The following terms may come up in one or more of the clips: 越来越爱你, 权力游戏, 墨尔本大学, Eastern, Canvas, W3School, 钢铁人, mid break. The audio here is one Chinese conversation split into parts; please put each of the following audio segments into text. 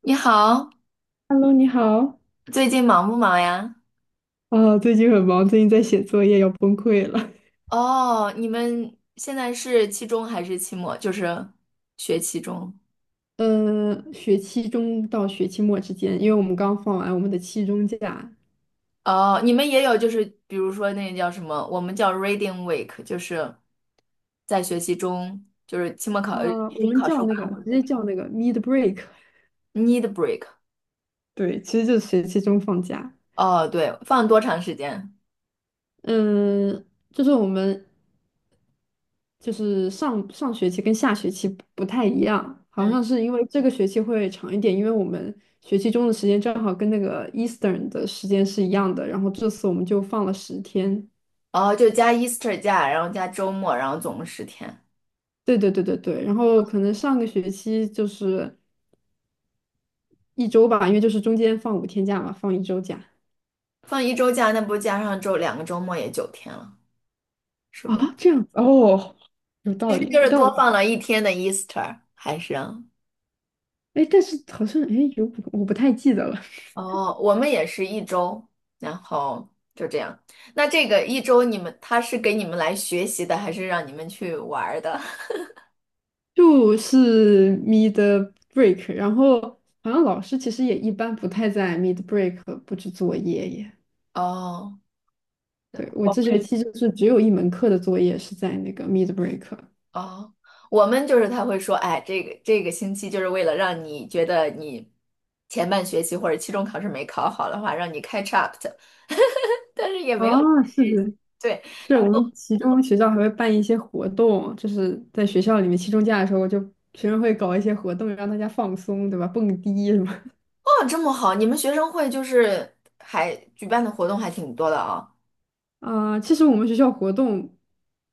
你好，Hello，你好。最近忙不忙呀？最近很忙，最近在写作业，要崩溃了。哦，你们现在是期中还是期末？就是学期中。嗯，学期中到学期末之间，因为我们刚放完我们的期中假，哦，你们也有，就是比如说那个叫什么，我们叫 reading week，就是在学期中，就是期末考，期我中们考试叫那个完会 直接叫那个 mid break，need break。对，其实就是学期中放假。哦，对，放多长时间？就是我们上上学期跟下学期不太一样，好嗯，像是因为这个学期会长一点，因为我们学期中的时间正好跟那个 Eastern 的时间是一样的，然后这次我们就放了10天。哦，就加 Easter 假，然后加周末，然后总共10天。对对对对对，然后可能上个学期就是一周吧，因为就是中间放5天假嘛，放一周假。放一周假，那不加上周2个周末也9天了。是不？这样子哦，有其道实理。就是多放了1天的 Easter，还是啊但是好像我不太记得了。哦，我们也是一周，然后就这样。那这个一周你们他是给你们来学习的，还是让你们去玩儿的？就是 mid break，然后好像老师其实也一般不太在 mid break 布置作业耶。哦，对，我我这们学期就是只有一门课的作业是在那个 mid break。哦，我们就是他会说，哎，这个星期就是为了让你觉得你前半学期或者期中考试没考好的话，让你 catch up 的，但是也没有啊，是的。对，是我们期中学校还会办一些活动，就是在学校里面期中假的时候，就学生会搞一些活动，让大家放松，对吧？蹦迪什么。 哦，这么好，你们学生会就是还举办的活动还挺多的啊。其实我们学校活动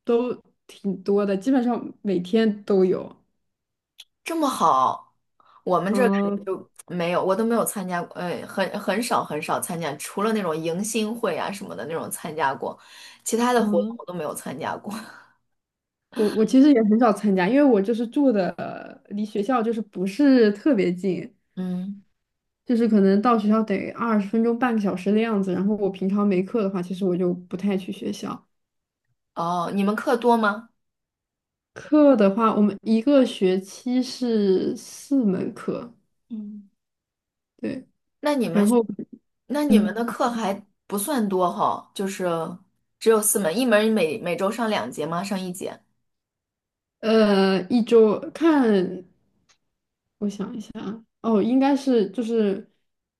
都挺多的，基本上每天都有。这么好，我们这儿感觉嗯、就没有，我都没有参加过，很少很少参加，除了那种迎新会啊什么的那种参加过，其他的活动嗯、我都没有参加过。我其实也很少参加，因为我就是住的离学校就是不是特别近，嗯，就是可能到学校得20分钟、半个小时的样子。然后我平常没课的话，其实我就不太去学校。哦，你们课多吗？课的话，我们一个学期是4门课，嗯，对，那你们，然后那你们嗯，的课还不算多哈，就是只有4门，一门每周上2节吗？上1节？一周看，我想一下啊，哦，应该是就是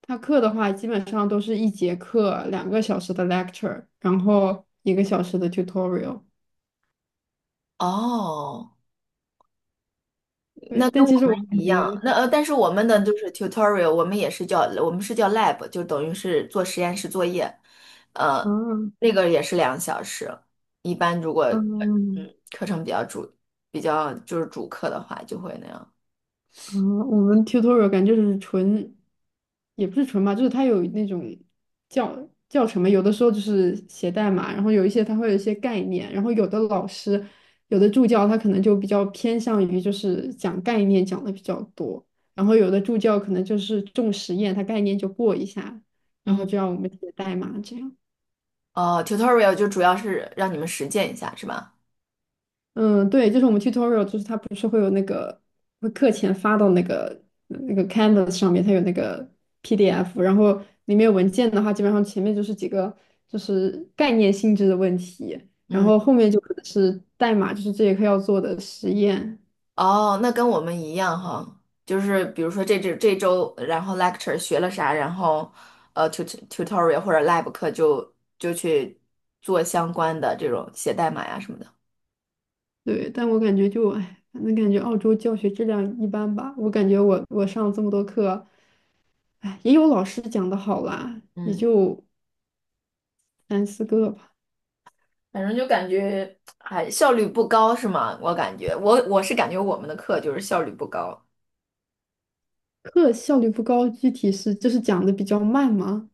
他课的话，基本上都是一节课2个小时的 lecture，然后1个小时的 tutorial，哦。那对，跟但我其实我们感一样，觉，那但是我们的就是 tutorial，我们是叫 lab，就等于是做实验室作业，呃，嗯那个也是2个小时。一般如果嗯。课程比较就是主课的话，就会那样。嗯，我们 tutorial 感觉就是纯，也不是纯吧，就是它有那种教教程嘛，有的时候就是写代码，然后有一些它会有一些概念，有的助教他可能就比较偏向于就是讲概念讲的比较多，然后有的助教可能就是重实验，他概念就过一下，然后嗯，就让我们写代码这样。哦，tutorial 就主要是让你们实践一下，是吧？嗯，对，就是我们 tutorial，就是它不是会有那个会课前发到那个 Canvas 上面，它有那个 PDF，然后里面有文件的话，基本上前面就是几个就是概念性质的问题，然嗯。后后面就可能是代码，就是这节课要做的实验。哦，那跟我们一样哈，就是比如说这周，然后 lecture 学了啥，然后tutorial 或者 lab 课就去做相关的这种写代码呀什么的。对，但我感觉就哎，反正感觉澳洲教学质量一般吧。我感觉我上了这么多课，哎，也有老师讲的好啦，也嗯，就三四个吧。反正就感觉哎效率不高是吗？我是感觉我们的课就是效率不高。课效率不高，具体是就是讲的比较慢吗？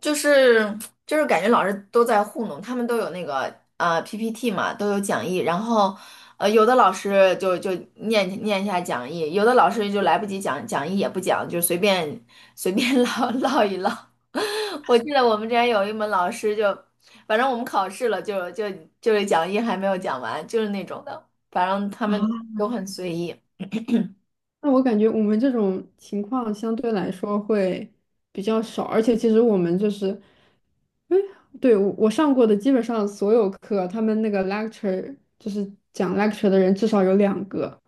就是就是感觉老师都在糊弄，他们都有那个PPT 嘛，都有讲义，然后有的老师就念一下讲义，有的老师就来不及讲讲义也不讲，就随便随便 唠一唠。我记得我们之前有一门老师就，反正我们考试了就是讲义还没有讲完，就是那种的，反正他们啊，都很随意。那我感觉我们这种情况相对来说会比较少，而且其实我们就是，哎，对，我上过的基本上所有课，他们那个 lecture 就是讲 lecture 的人至少有2个，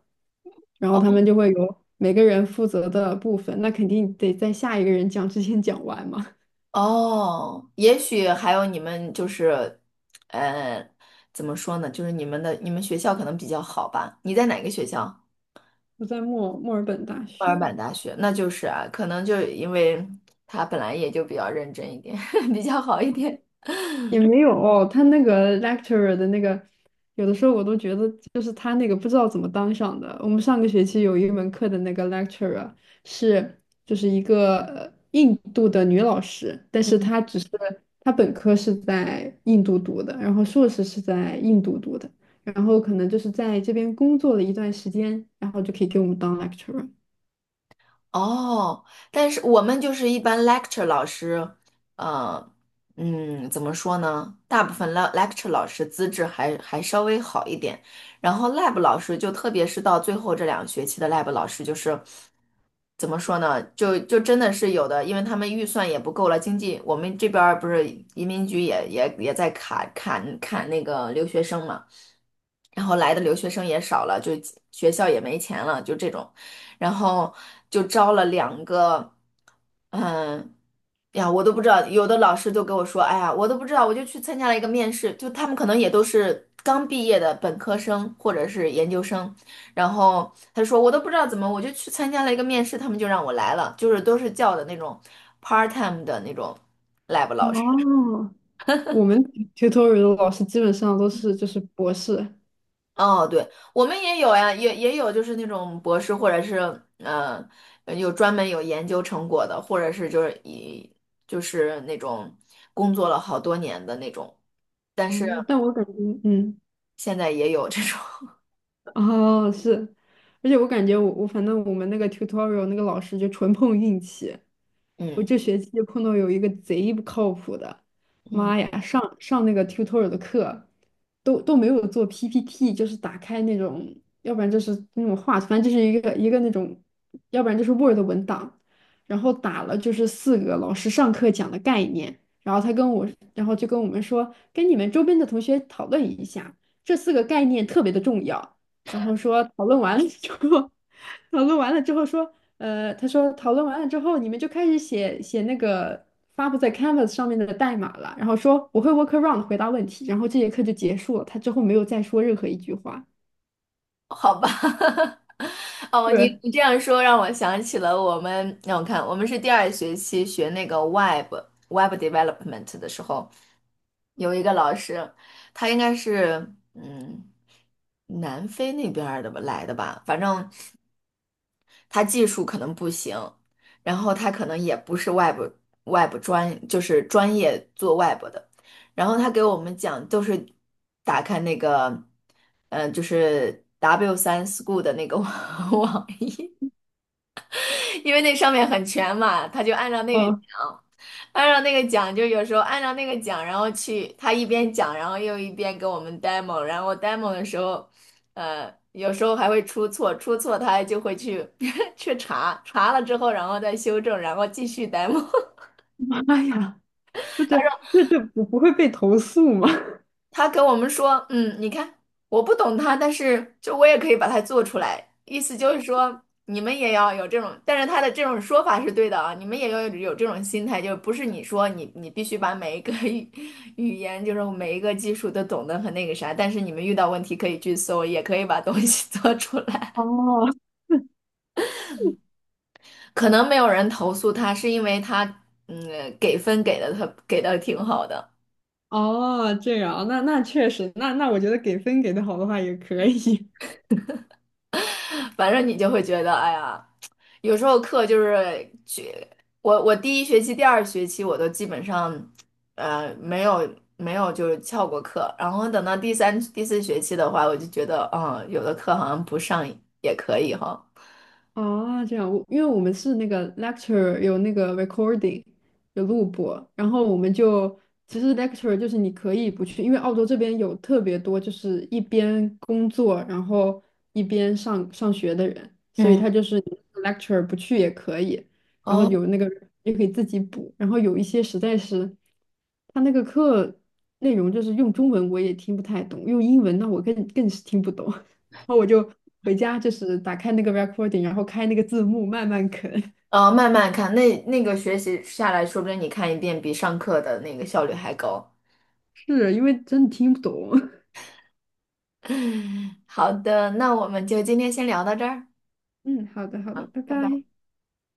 然后他们就会有每个人负责的部分，那肯定得在下一个人讲之前讲完嘛。哦，也许还有你们就是，呃，怎么说呢？就是你们学校可能比较好吧？你在哪个学校？我在墨尔本大墨尔学，本大学，那就是啊，可能就因为他本来也就比较认真一点，比较好一点。也没有哦他那个 lecturer 的那个，有的时候我都觉得就是他那个不知道怎么当上的。我们上个学期有一门课的那个 lecturer 是就是一个印度的女老师，但是她只是她本科是在印度读的，然后硕士是在印度读的，然后可能就是在这边工作了一段时间，然后就可以给我们当 lecturer。哦，但是我们就是一般 lecture 老师，呃，怎么说呢？大部分 lecture 老师资质还稍微好一点，然后 lab 老师就特别是到最后这2个学期的 lab 老师，就是怎么说呢？就真的是有的，因为他们预算也不够了，经济我们这边儿不是移民局也在砍那个留学生嘛。然后来的留学生也少了，就学校也没钱了，就这种。然后就招了两个，嗯，哎呀，我都不知道，有的老师就跟我说，哎呀，我都不知道，我就去参加了一个面试，就他们可能也都是刚毕业的本科生或者是研究生，然后他说我都不知道怎么，我就去参加了一个面试，他们就让我来了，就是都是叫的那种 part time 的那种 lab 老师。哦，我们 tutorial 的老师基本上都是就是博士。哦，对，我们也有呀，也有就是那种博士，或者是呃，有专门有研究成果的，或者是就是就是那种工作了好多年的那种，但是哦，但我感觉，嗯。现在也有这种，哦，是，而且我感觉我反正我们那个 tutorial 那个老师就纯碰运气，我嗯这学期就碰到有一个贼不靠谱的，嗯，妈呀，上那个 tutorial 的课都没有做 PPT，就是打开那种，要不然就是那种画图，反正就是一个一个那种，要不然就是 Word 文档，然后打了就是四个老师上课讲的概念，然后他跟我，然后就跟我们说，跟你们周边的同学讨论一下，这四个概念特别的重要。然后说讨论完了之后，讨论完了之后说，讨论完了之后，你们就开始写那个发布在 Canvas 上面的代码了。然后说我会 workaround 回答问题，然后这节课就结束了。他之后没有再说任何一句话。好吧，哦，你对，你这样说让我想起了我们，让我看，我们是第二学期学那个 Web Development 的时候。有一个老师，他应该是南非那边儿的吧来的吧，反正他技术可能不行，然后他可能也不是 Web Web 专，就是专业做 Web 的，然后他给我们讲都是打开那个，就是 W3School 的那个网 网因为那上面很全嘛，他就按照那个嗯，讲，按照那个讲，就有时候按照那个讲，然后去他一边讲，然后又一边给我们 demo，然后 demo 的时候，有时候还会出错，出错他就会去 去查，查了之后，然后再修正，然后继续 demo。妈呀，这这这不会被投诉吗？他跟我们说，你看，我不懂他，但是就我也可以把它做出来，意思就是说你们也要有这种，但是他的这种说法是对的啊，你们也要有这种心态，就不是你说你必须把每一个 语言，就是每一个技术都懂得很那个啥，但是你们遇到问题可以去搜，也可以把东西 做出来。哦，可能没有人投诉他，是因为他嗯给分给的他给的挺好的。哦，这样，那那确实，那那我觉得给分给的好的话也可以。反正你就会觉得，哎呀，有时候课就是去，我第1学期、第二学期我都基本上，呃，没有没有就是翘过课，然后等到第3、第4学期的话，我就觉得，有的课好像不上也可以哈。啊，这样，我因为我们是那个 lecture 有那个 recording 有录播，然后我们就其实 lecture 就是你可以不去，因为澳洲这边有特别多就是一边工作然后一边上学的人，所以嗯，他就是 lecture 不去也可以，然后哦，有那个也可以自己补，然后有一些实在是他那个课内容就是用中文我也听不太懂，用英文那我更是听不懂。然后我就回家，就是打开那个 recording，然后开那个字幕慢慢啃，哦，慢慢看，那个学习下来，说不定你看一遍比上课的那个效率还高。是因为真的听不懂。好的，那我们就今天先聊到这儿，嗯，好的，好的，好，拜拜拜。拜。